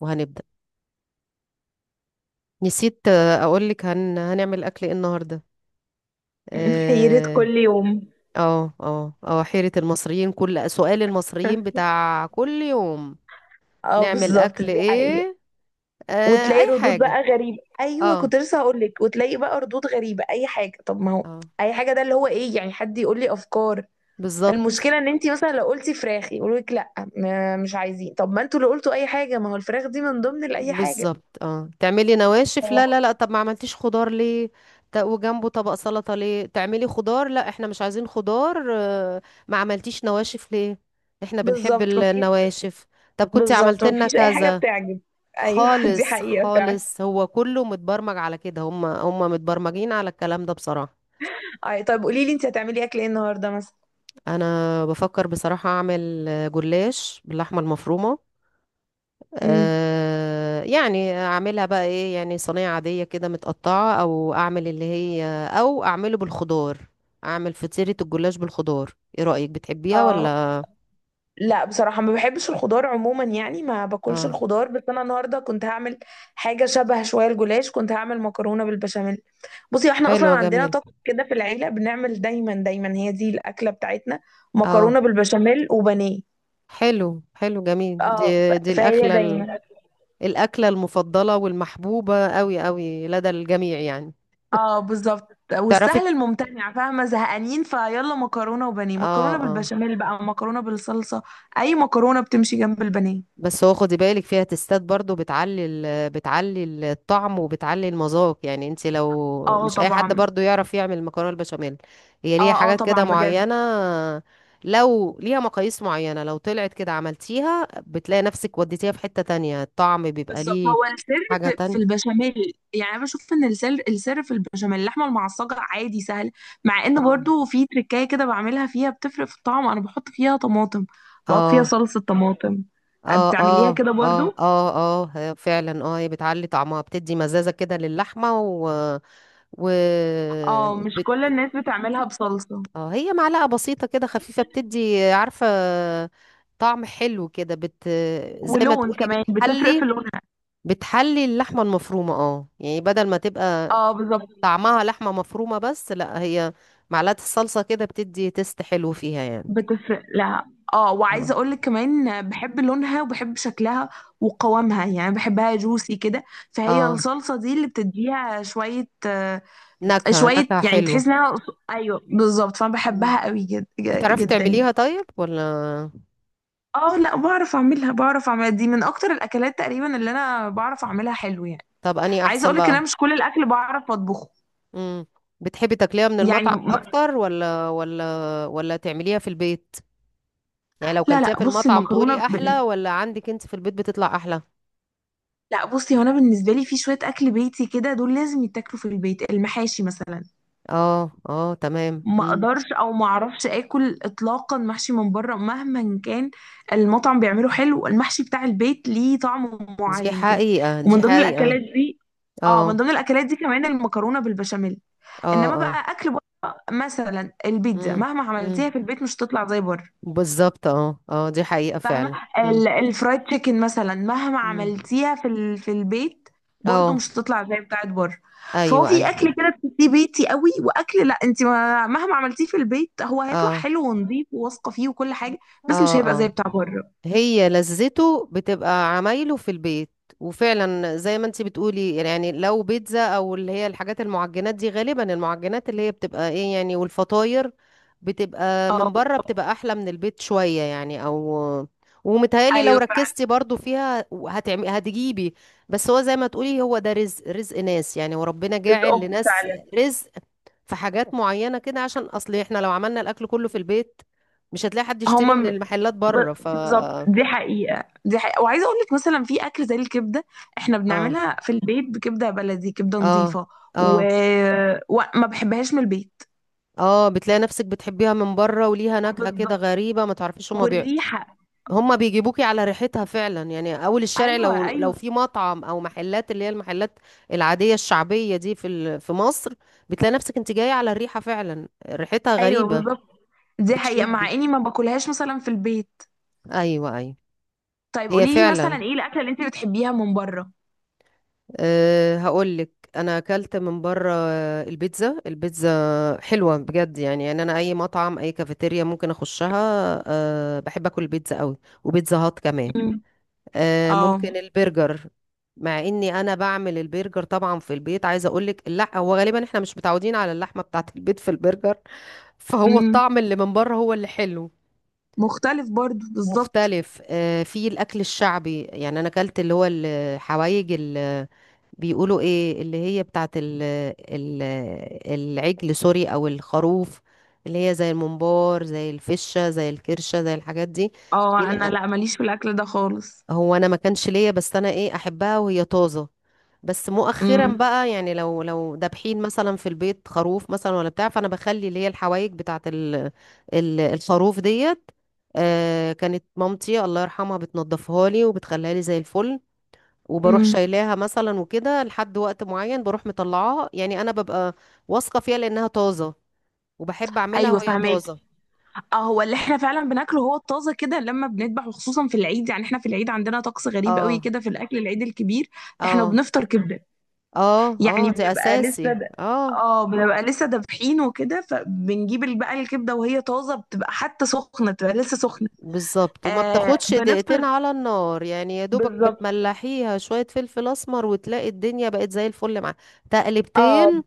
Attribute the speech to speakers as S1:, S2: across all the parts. S1: وهنبدأ. نسيت، أقولك هنعمل أكل إيه النهاردة؟
S2: حيرة
S1: اه،
S2: كل يوم.
S1: اه، اه. حيرة المصريين، كل سؤال المصريين بتاع كل يوم.
S2: اه،
S1: نعمل
S2: بالظبط،
S1: أكل
S2: دي حقيقة.
S1: إيه؟ آه،
S2: وتلاقي
S1: أي
S2: ردود بقى
S1: حاجة.
S2: غريبة، ايوه
S1: اه،
S2: كنت لسه هقول لك، وتلاقي بقى ردود غريبة، اي حاجة. طب ما هو
S1: اه،
S2: اي حاجة، ده اللي هو ايه؟ يعني حد يقول لي افكار.
S1: بالظبط.
S2: المشكلة ان انت مثلا لو قلتي فراخ يقولوا لك لا، مش عايزين. طب ما انتوا اللي قلتوا اي حاجة، ما هو الفراخ دي من ضمن اي حاجة.
S1: بالظبط، اه، تعملي نواشف،
S2: هي
S1: لا لا لا، طب ما عملتيش خضار ليه؟ وجنبه طبق سلطة ليه؟ تعملي خضار، لا احنا مش عايزين خضار. ما عملتيش نواشف ليه؟ احنا بنحب
S2: بالظبط مفيش،
S1: النواشف. طب كنت
S2: بالظبط
S1: عملت لنا
S2: مفيش اي حاجة
S1: كذا.
S2: بتعجب. ايوه. دي
S1: خالص
S2: حقيقة فعلا.
S1: خالص، هو كله متبرمج على كده، هم متبرمجين على الكلام ده بصراحة.
S2: اي، طب قولي لي انت هتعملي اكل ايه النهاردة مثلا؟
S1: انا بفكر بصراحة اعمل جلاش باللحمة المفرومة.
S2: امم
S1: يعني اعملها بقى ايه، يعني صينية عادية كده متقطعة، او اعمل اللي هي، او اعمله بالخضار. اعمل فطيرة الجلاش بالخضار، ايه رأيك، بتحبيها
S2: اه،
S1: ولا؟
S2: لا بصراحة ما بحبش الخضار عموما، يعني ما باكلش
S1: اه،
S2: الخضار، بس انا النهاردة كنت هعمل حاجة شبه شوية الجلاش، كنت هعمل مكرونة بالبشاميل. بصي احنا اصلا
S1: حلوة
S2: عندنا
S1: جميلة.
S2: طقس كده في العيلة، بنعمل دايما دايما هي دي الأكلة بتاعتنا،
S1: اه،
S2: مكرونة بالبشاميل وبانيه.
S1: حلو حلو جميل دي.
S2: اه
S1: دي
S2: فهي
S1: الاكلة
S2: دايما.
S1: الأكلة المفضلة والمحبوبة قوي قوي لدى الجميع يعني.
S2: اه بالظبط،
S1: تعرفي.
S2: والسهل الممتنع، فاهمة؟ زهقانين، فيلا مكرونة وبانيه،
S1: اه،
S2: مكرونة
S1: اه.
S2: بالبشاميل بقى، مكرونة بالصلصة، اي مكرونة بتمشي جنب البانيه.
S1: بس هو خدي بالك فيها تستات، برضو بتعلي الطعم وبتعلي المذاق، يعني انت لو
S2: اه
S1: مش اي حد
S2: طبعا.
S1: برضو يعرف يعمل مكرونه البشاميل. هي ليها
S2: اه اه
S1: حاجات كده
S2: طبعا بجد.
S1: معينه، لو ليها مقاييس معينه، لو طلعت كده عملتيها بتلاقي نفسك وديتيها في حته تانية، الطعم بيبقى
S2: بالظبط
S1: ليه
S2: هو السر
S1: حاجه
S2: في
S1: تانية.
S2: البشاميل، يعني انا بشوف ان السر في البشاميل. اللحمه المعصجه عادي سهل، مع ان
S1: اه،
S2: برضو في تركايه كده بعملها فيها بتفرق في الطعم، انا بحط فيها طماطم، بحط فيها
S1: اه،
S2: صلصه طماطم.
S1: اه،
S2: بتعمليها
S1: اه،
S2: كده
S1: اه،
S2: برضو؟
S1: اه، اه. هي فعلا، اه هي بتعلي طعمها، بتدي مزازة كده للحمة و و
S2: اه، مش كل
S1: بت...
S2: الناس بتعملها بصلصه.
S1: اه، هي معلقة بسيطة كده خفيفة، بتدي عارفة طعم حلو كده. زي ما
S2: ولون
S1: تقولي
S2: كمان، بتفرق في
S1: بتحلي
S2: لونها.
S1: بتحلي اللحمة المفرومة، اه يعني بدل ما تبقى
S2: اه بالظبط،
S1: طعمها لحمة مفرومة بس، لا هي معلقة الصلصة كده بتدي تست حلو فيها يعني.
S2: بتفرق لها. اه،
S1: اه،
S2: وعايزه اقول لك كمان، بحب لونها وبحب شكلها وقوامها، يعني بحبها جوسي كده. فهي
S1: اه،
S2: الصلصه دي اللي بتديها شويه
S1: نكهة
S2: شوية،
S1: نكهة
S2: يعني
S1: حلوة.
S2: تحس انها. ايوه بالظبط، فانا
S1: مم.
S2: بحبها قوي
S1: بتعرفي
S2: جدا يعني.
S1: تعمليها طيب ولا؟
S2: اه، لا بعرف اعملها، بعرف اعملها، دي من اكتر الاكلات تقريبا اللي انا بعرف اعملها حلو يعني.
S1: طب اني
S2: عايزه
S1: احسن
S2: اقولك ان
S1: بقى.
S2: انا مش كل الاكل بعرف اطبخه.
S1: امم. بتحبي تاكليها من
S2: يعني
S1: المطعم
S2: م...
S1: اكتر ولا تعمليها في البيت؟ يعني لو
S2: لا لا،
S1: كلتيها في
S2: بصي
S1: المطعم
S2: المكرونه
S1: تقولي احلى، ولا عندك انت في البيت بتطلع احلى؟
S2: لا بصي، هو انا بالنسبه لي في شويه اكل بيتي كده دول لازم يتاكلوا في البيت، المحاشي مثلا،
S1: اه، اه، تمام،
S2: ما
S1: امم،
S2: اقدرش او ما اعرفش اكل اطلاقا محشي من بره مهما كان المطعم بيعمله حلو، المحشي بتاع البيت ليه طعم
S1: دي
S2: معين كده.
S1: حقيقة دي
S2: ومن ضمن
S1: حقيقة.
S2: الاكلات دي، اه من
S1: اه،
S2: ضمن الاكلات دي كمان المكرونه بالبشاميل.
S1: اه،
S2: انما
S1: اه،
S2: بقى اكل بره مثلا البيتزا،
S1: امم،
S2: مهما
S1: امم.
S2: عملتيها في البيت مش هتطلع زي بره.
S1: بالظبط، اه، اه، دي حقيقة
S2: فاهمه؟
S1: فعلا. امم،
S2: الفرايد تشيكن مثلا مهما
S1: امم،
S2: عملتيها في البيت، برضو
S1: اه،
S2: مش هتطلع زي بتاعت بره. فهو
S1: ايوه،
S2: في
S1: ايوه،
S2: اكل كده بتحسيه بيتي قوي، واكل لا انت ما... مهما عملتيه في البيت هو هيطلع
S1: اه،
S2: حلو ونظيف وواثقه فيه وكل حاجه، بس مش هيبقى
S1: اه،
S2: زي
S1: اه.
S2: بتاع بره.
S1: هي لذته بتبقى عمايله في البيت. وفعلا زي ما انتي بتقولي يعني، لو بيتزا او اللي هي الحاجات المعجنات دي، غالبا المعجنات اللي هي بتبقى ايه يعني، والفطاير بتبقى
S2: اه
S1: من بره بتبقى احلى من البيت شوية، يعني او ومتهيألي لو
S2: ايولا فعلا.
S1: ركزتي برضو فيها هتعمي هتجيبي. بس هو زي ما تقولي، هو ده رزق، رزق ناس يعني، وربنا جاعل
S2: رزقهم
S1: لناس
S2: فعلا.
S1: رزق في حاجات معينة كده، عشان اصل احنا لو عملنا الاكل كله في البيت مش هتلاقي حد يشتري
S2: هما
S1: من
S2: م-
S1: المحلات بره.
S2: بالظبط، دي حقيقة دي حقيقة، وعايزة اقول لك مثلا في اكل زي الكبدة، احنا
S1: اه،
S2: بنعملها في البيت، بكبدة بلدي، كبدة
S1: اه،
S2: نظيفة. و...
S1: اه،
S2: وما بحبهاش من البيت.
S1: اه، بتلاقي نفسك بتحبيها من بره، وليها نكهة كده
S2: بالظبط،
S1: غريبة ما تعرفيش، هما
S2: والريحة.
S1: هما بيجيبوكي على ريحتها فعلا يعني، اول الشارع
S2: ايوه
S1: لو
S2: ايوه.
S1: في مطعم او محلات اللي هي المحلات العادية الشعبية دي في مصر، بتلاقي نفسك انت جاية على الريحة فعلا، ريحتها
S2: ايوه
S1: غريبة.
S2: بالظبط، دي حقيقة،
S1: بتشدك.
S2: مع اني ما باكلهاش مثلا في البيت.
S1: ايوه، ايوه.
S2: طيب
S1: هي
S2: قولي لي، مثلا
S1: فعلا.
S2: ايه الاكلة اللي انت بتحبيها من بره؟
S1: هقول لك. انا اكلت من بره البيتزا، البيتزا حلوه بجد يعني انا اي مطعم اي كافيتيريا ممكن اخشها. بحب اكل البيتزا قوي، وبيتزا هات كمان.
S2: امم اه.
S1: ممكن البرجر. مع اني انا بعمل البرجر طبعا في البيت، عايزه اقول لك، لا هو غالبا احنا مش متعودين على اللحمه بتاعه البيت في البرجر، فهو
S2: امم
S1: الطعم اللي من بره هو اللي حلو.
S2: مختلف برضو بالظبط.
S1: مختلف. في الاكل الشعبي يعني، انا اكلت اللي هو الحوايج، بيقولوا ايه، اللي هي بتاعت ال العجل سوري او الخروف، اللي هي زي الممبار، زي الفشة، زي الكرشة، زي الحاجات دي.
S2: اه
S1: هنا-
S2: انا لا ماليش في الاكل ده خالص.
S1: هو انا ما كانش ليا، بس انا ايه احبها وهي طازة، بس مؤخرا
S2: امم
S1: بقى يعني، لو دابحين مثلا في البيت خروف مثلا ولا بتاع، فانا بخلي اللي هي الحوايج بتاعت ال الخروف ديت. كانت مامتي الله يرحمها بتنضفها لي وبتخليها لي زي الفل، وبروح
S2: امم
S1: شايلاها مثلا وكده لحد وقت معين بروح مطلعاها، يعني انا ببقى واثقه فيها لانها طازه، وبحب اعملها
S2: ايوه
S1: وهي
S2: فهماك.
S1: طازه.
S2: اه هو اللي احنا فعلا بناكله هو الطازه كده لما بنذبح، وخصوصا في العيد، يعني احنا في العيد عندنا طقس غريب قوي
S1: اه،
S2: كده في الاكل، العيد الكبير احنا
S1: اه،
S2: بنفطر كبده،
S1: اه، اه
S2: يعني
S1: دي
S2: بنبقى
S1: اساسي،
S2: لسه
S1: اه.
S2: اه، بنبقى لسه دابحين وكده، فبنجيب بقى الكبده وهي طازه، بتبقى حتى سخنه، بتبقى لسه سخنه.
S1: بالظبط، وما
S2: آه
S1: بتاخدش دقيقتين
S2: بنفطر.
S1: على النار، يعني يا دوبك
S2: بالظبط.
S1: بتملحيها شويه فلفل اسمر، وتلاقي الدنيا بقت زي الفل معاها.
S2: اه
S1: تقلبتين.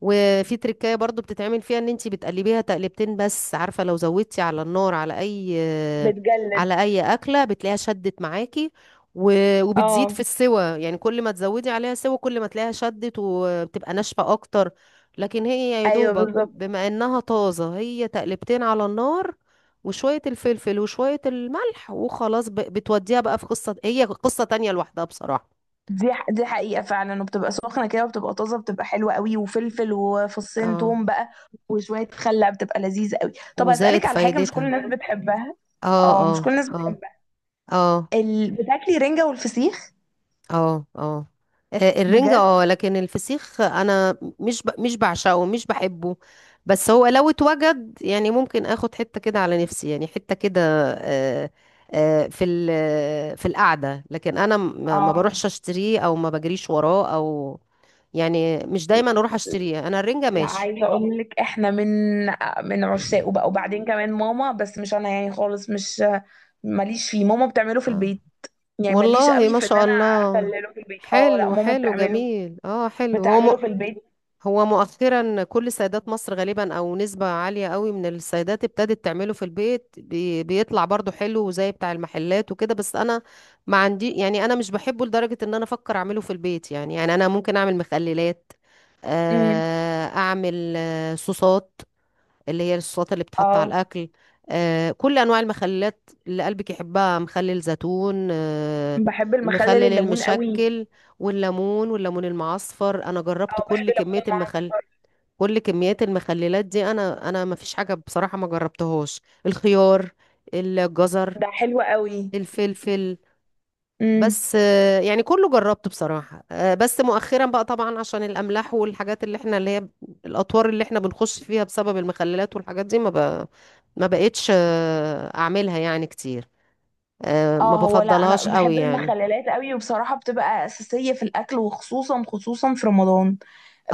S1: وفي تركاية برضو بتتعمل فيها، ان انتي بتقلبيها تقلبتين، بس عارفة لو زودتي على النار على اي
S2: بتجلد.
S1: على اي اكلة بتلاقيها شدت معاكي، و- وبتزيد في
S2: اه
S1: السوى، يعني كل ما تزودي عليها سوى كل ما تلاقيها شدت وبتبقى ناشفة اكتر. لكن هي يا
S2: ايوه
S1: دوبك
S2: بالظبط.
S1: بما انها طازة، هي تقلبتين على النار وشوية الفلفل وشوية الملح وخلاص، بتوديها بقى في قصة، هي قصة تانية لوحدها بصراحة.
S2: دي حقيقه فعلا، وبتبقى سخنه كده وبتبقى طازه، بتبقى حلوه قوي، وفلفل وفصين
S1: اه،
S2: توم بقى وشويه خل، بتبقى لذيذه قوي. طب
S1: وزائد
S2: اسالك على حاجه مش كل
S1: فايدتها،
S2: الناس بتحبها،
S1: اه،
S2: اه
S1: اه،
S2: مش كل الناس
S1: اه،
S2: بتحبها،
S1: اه،
S2: بتاكلي رنجه والفسيخ؟
S1: اه، اه. الرنجة اه،
S2: بجد.
S1: لكن الفسيخ انا مش بعشقه، مش بحبه. بس هو لو اتوجد يعني ممكن اخد حتة كده على نفسي يعني، حتة كده. آه، في القعدة، لكن انا ما
S2: اه
S1: بروحش اشتريه او ما بجريش وراه، او يعني مش دايما اروح اشتريه. انا الرنجة
S2: لا،
S1: ماشي.
S2: عايزه اقول لك احنا من عشاقه بقى، وبعدين كمان ماما، بس مش انا يعني خالص، مش ماليش فيه، ماما بتعمله في
S1: اه،
S2: البيت. يعني ماليش
S1: والله
S2: قوي
S1: ما
S2: في ان
S1: شاء
S2: انا
S1: الله.
S2: اخلله في البيت، اه لا
S1: حلو
S2: ماما
S1: حلو
S2: بتعمله،
S1: جميل، اه حلو، هو
S2: بتعمله في البيت.
S1: هو مؤخرا كل سيدات مصر غالبا، او نسبة عالية قوي من السيدات ابتدت تعمله في البيت، بيطلع برضو حلو زي بتاع المحلات وكده، بس انا ما عندي، يعني انا مش بحبه لدرجة ان انا افكر اعمله في البيت يعني انا ممكن اعمل مخللات،
S2: امم،
S1: اعمل صوصات، اللي هي الصوصات اللي بتتحط على
S2: اه
S1: الأكل. كل أنواع المخللات اللي قلبك يحبها، مخلل زيتون،
S2: بحب المخلل
S1: المخلل
S2: الليمون قوي.
S1: المشكل، والليمون والليمون المعصفر، أنا جربت
S2: اه
S1: كل
S2: بحب الليمون
S1: كمية
S2: المعصفر،
S1: كل كميات المخللات دي، أنا ما فيش حاجة بصراحة ما جربتهاش، الخيار، الجزر،
S2: ده حلو قوي.
S1: الفلفل.
S2: امم.
S1: بس يعني كله جربته بصراحة، بس مؤخرا بقى طبعا عشان الأملاح والحاجات اللي احنا اللي هي الأطوار اللي احنا بنخش فيها بسبب المخللات والحاجات دي، ما بقتش أعملها يعني كتير، ما
S2: اه هو لا انا
S1: بفضلهاش قوي
S2: بحب
S1: يعني.
S2: المخللات قوي، وبصراحه بتبقى اساسيه في الاكل، وخصوصا خصوصا في رمضان.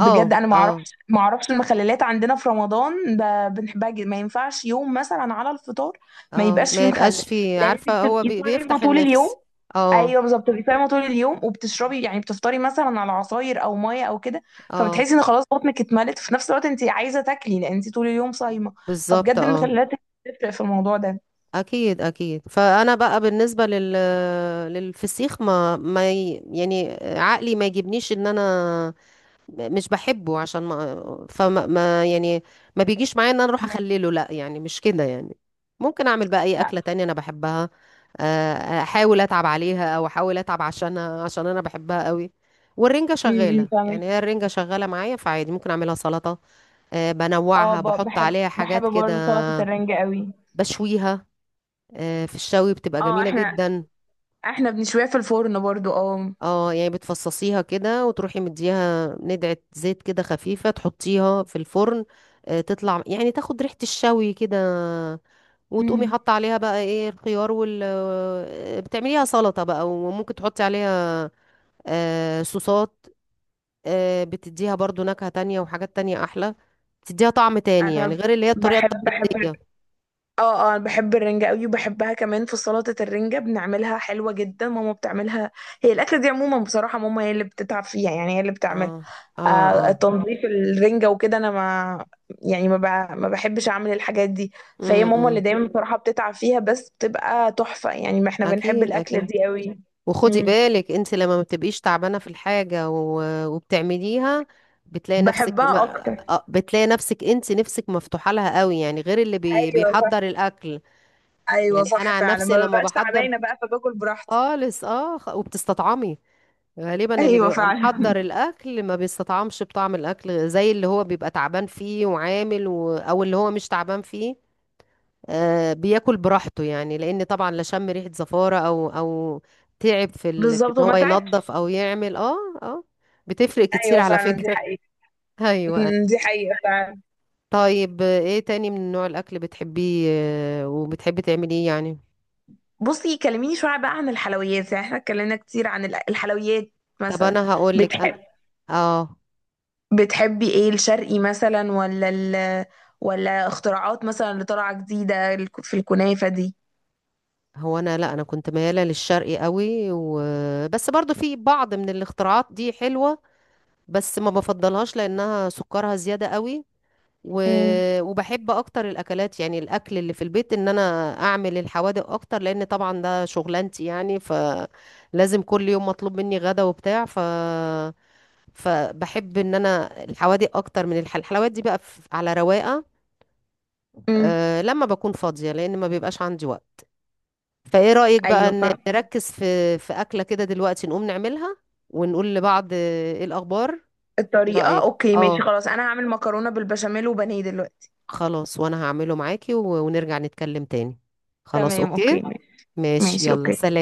S2: بجد انا ما اعرفش،
S1: اه،
S2: ما اعرفش المخللات عندنا في رمضان بنحبها جدا، ما ينفعش يوم مثلا على الفطار ما
S1: اه،
S2: يبقاش فيه
S1: ما
S2: مخلل،
S1: يبقاش في،
S2: لان انت
S1: عارفة هو
S2: بتبقي صايمه
S1: بيفتح
S2: طول
S1: النفس.
S2: اليوم.
S1: اه،
S2: ايوه بالظبط، بتبقي صايمه طول اليوم وبتشربي يعني، بتفطري مثلا على عصاير او ميه او كده،
S1: اه،
S2: فبتحسي ان خلاص بطنك اتملت، في نفس الوقت انت عايزه تاكلي لان انت طول اليوم صايمه،
S1: بالظبط،
S2: فبجد
S1: اه.
S2: المخللات بتفرق في الموضوع ده.
S1: اكيد اكيد، فانا بقى بالنسبه للفسيخ، ما ما ي- يعني عقلي ما يجيبنيش ان انا مش بحبه، عشان ما فما ما يعني ما بيجيش معايا ان انا اروح
S2: مم.
S1: اخلله، لا يعني مش كده يعني. ممكن اعمل بقى اي
S2: لا.
S1: اكله تانية انا بحبها، آه، احاول اتعب عليها او احاول اتعب عشانها عشان انا بحبها قوي. والرنجه شغاله
S2: فاهمه.
S1: يعني، هي الرنجه شغاله معايا، فعادي ممكن اعملها سلطه،
S2: اه
S1: بنوعها، بحط
S2: بحب
S1: عليها حاجات كده.
S2: برضه سلطه الرنجة قوي.
S1: بشويها، في الشوي بتبقى
S2: اه،
S1: جميله جدا.
S2: احنا بنشويها في الفرن برضه اه.
S1: اه، يعني بتفصصيها كده وتروحي مديها ندعة زيت كده خفيفة، تحطيها في الفرن، تطلع يعني تاخد ريحة الشوي كده، وتقومي
S2: مم.
S1: حاطة عليها بقى ايه، الخيار وال آه، بتعمليها سلطة بقى، وممكن تحطي عليها صوصات، بتديها برضو نكهة تانية وحاجات تانية أحلى، بتديها طعم تاني يعني،
S2: انا
S1: غير اللي هي الطريقة
S2: بحب
S1: التقليدية.
S2: اه اه بحب الرنجة قوي، وبحبها كمان في سلطة الرنجة، بنعملها حلوة جدا، ماما بتعملها. هي الأكلة دي عموما بصراحة ماما هي اللي بتتعب فيها، يعني هي اللي بتعملها.
S1: اه، اه،
S2: آه
S1: اه،
S2: تنظيف الرنجة وكده، انا ما يعني ما بحبش اعمل الحاجات دي. فهي
S1: امم،
S2: ماما اللي
S1: إمم.
S2: دايما بصراحة بتتعب فيها، بس بتبقى تحفة يعني، ما احنا بنحب
S1: اكيد
S2: الأكلة
S1: اكيد،
S2: دي قوي.
S1: وخدي
S2: امم.
S1: بالك انت لما ما بتبقيش تعبانه في الحاجه و- وبتعمليها، بتلاقي نفسك
S2: بحبها
S1: ما
S2: اكتر.
S1: آه، بتلاقي نفسك انت نفسك مفتوحه لها قوي يعني، غير اللي
S2: ايوه صح.
S1: بيحضر الاكل.
S2: ايوه
S1: يعني انا
S2: صح
S1: عن
S2: فعلا،
S1: نفسي
S2: ما
S1: لما
S2: ببقاش
S1: بحضر
S2: تعبانة بقى فباكل براحتي.
S1: خالص، اه، وبتستطعمي. غالبا اللي
S2: ايوه
S1: بيبقى
S2: فعلا.
S1: محضر الاكل ما بيستطعمش بطعم الاكل زي اللي هو بيبقى تعبان فيه وعامل او اللي هو مش تعبان فيه، بياكل براحته يعني، لان طبعا لا شم ريحه زفاره او تعب في
S2: بالظبط،
S1: ان هو
S2: ومتاعب.
S1: ينظف او يعمل، اه. اه، بتفرق كتير
S2: ايوه
S1: على
S2: فعلا دي
S1: فكره.
S2: حقيقة.
S1: ايوه، أيوة.
S2: أمم، دي حقيقة فعلا.
S1: طيب، ايه تاني من نوع الاكل بتحبيه وبتحبي تعمليه يعني؟
S2: بصي كلميني شوية بقى عن الحلويات، يعني احنا اتكلمنا كتير عن الحلويات،
S1: طب
S2: مثلا.
S1: انا هقول لك. انا،
S2: بتحب
S1: اه،
S2: بتحبي ايه، الشرقي مثلا ولا اختراعات مثلا اللي طالعة جديدة في الكنافة دي؟
S1: هو انا، لا انا كنت مياله للشرقي قوي وبس، برضو في بعض من الاختراعات دي حلوه، بس ما بفضلهاش لانها سكرها زياده قوي، و...
S2: أمم.
S1: وبحب اكتر الاكلات يعني الاكل اللي في البيت، ان انا اعمل الحوادق اكتر، لان طبعا ده شغلانتي يعني، فلازم كل يوم مطلوب مني غدا وبتاع. فبحب ان انا الحوادق اكتر من الحلويات دي بقى على رواقه،
S2: امم.
S1: لما بكون فاضيه لان ما بيبقاش عندي وقت. فايه رايك بقى
S2: ايوه فاهم
S1: نركز في اكله كده دلوقتي نقوم نعملها، ونقول لبعض ايه الاخبار؟ ايه
S2: الطريقة.
S1: رايك؟
S2: اوكي،
S1: اه،
S2: ماشي، خلاص انا هعمل مكرونة بالبشاميل وبانيه دلوقتي.
S1: خلاص وانا هعمله معاكي و- ونرجع نتكلم تاني. خلاص،
S2: تمام،
S1: اوكي،
S2: اوكي، ماشي.
S1: ماشي،
S2: ماشي،
S1: يلا،
S2: اوكي.
S1: سلام.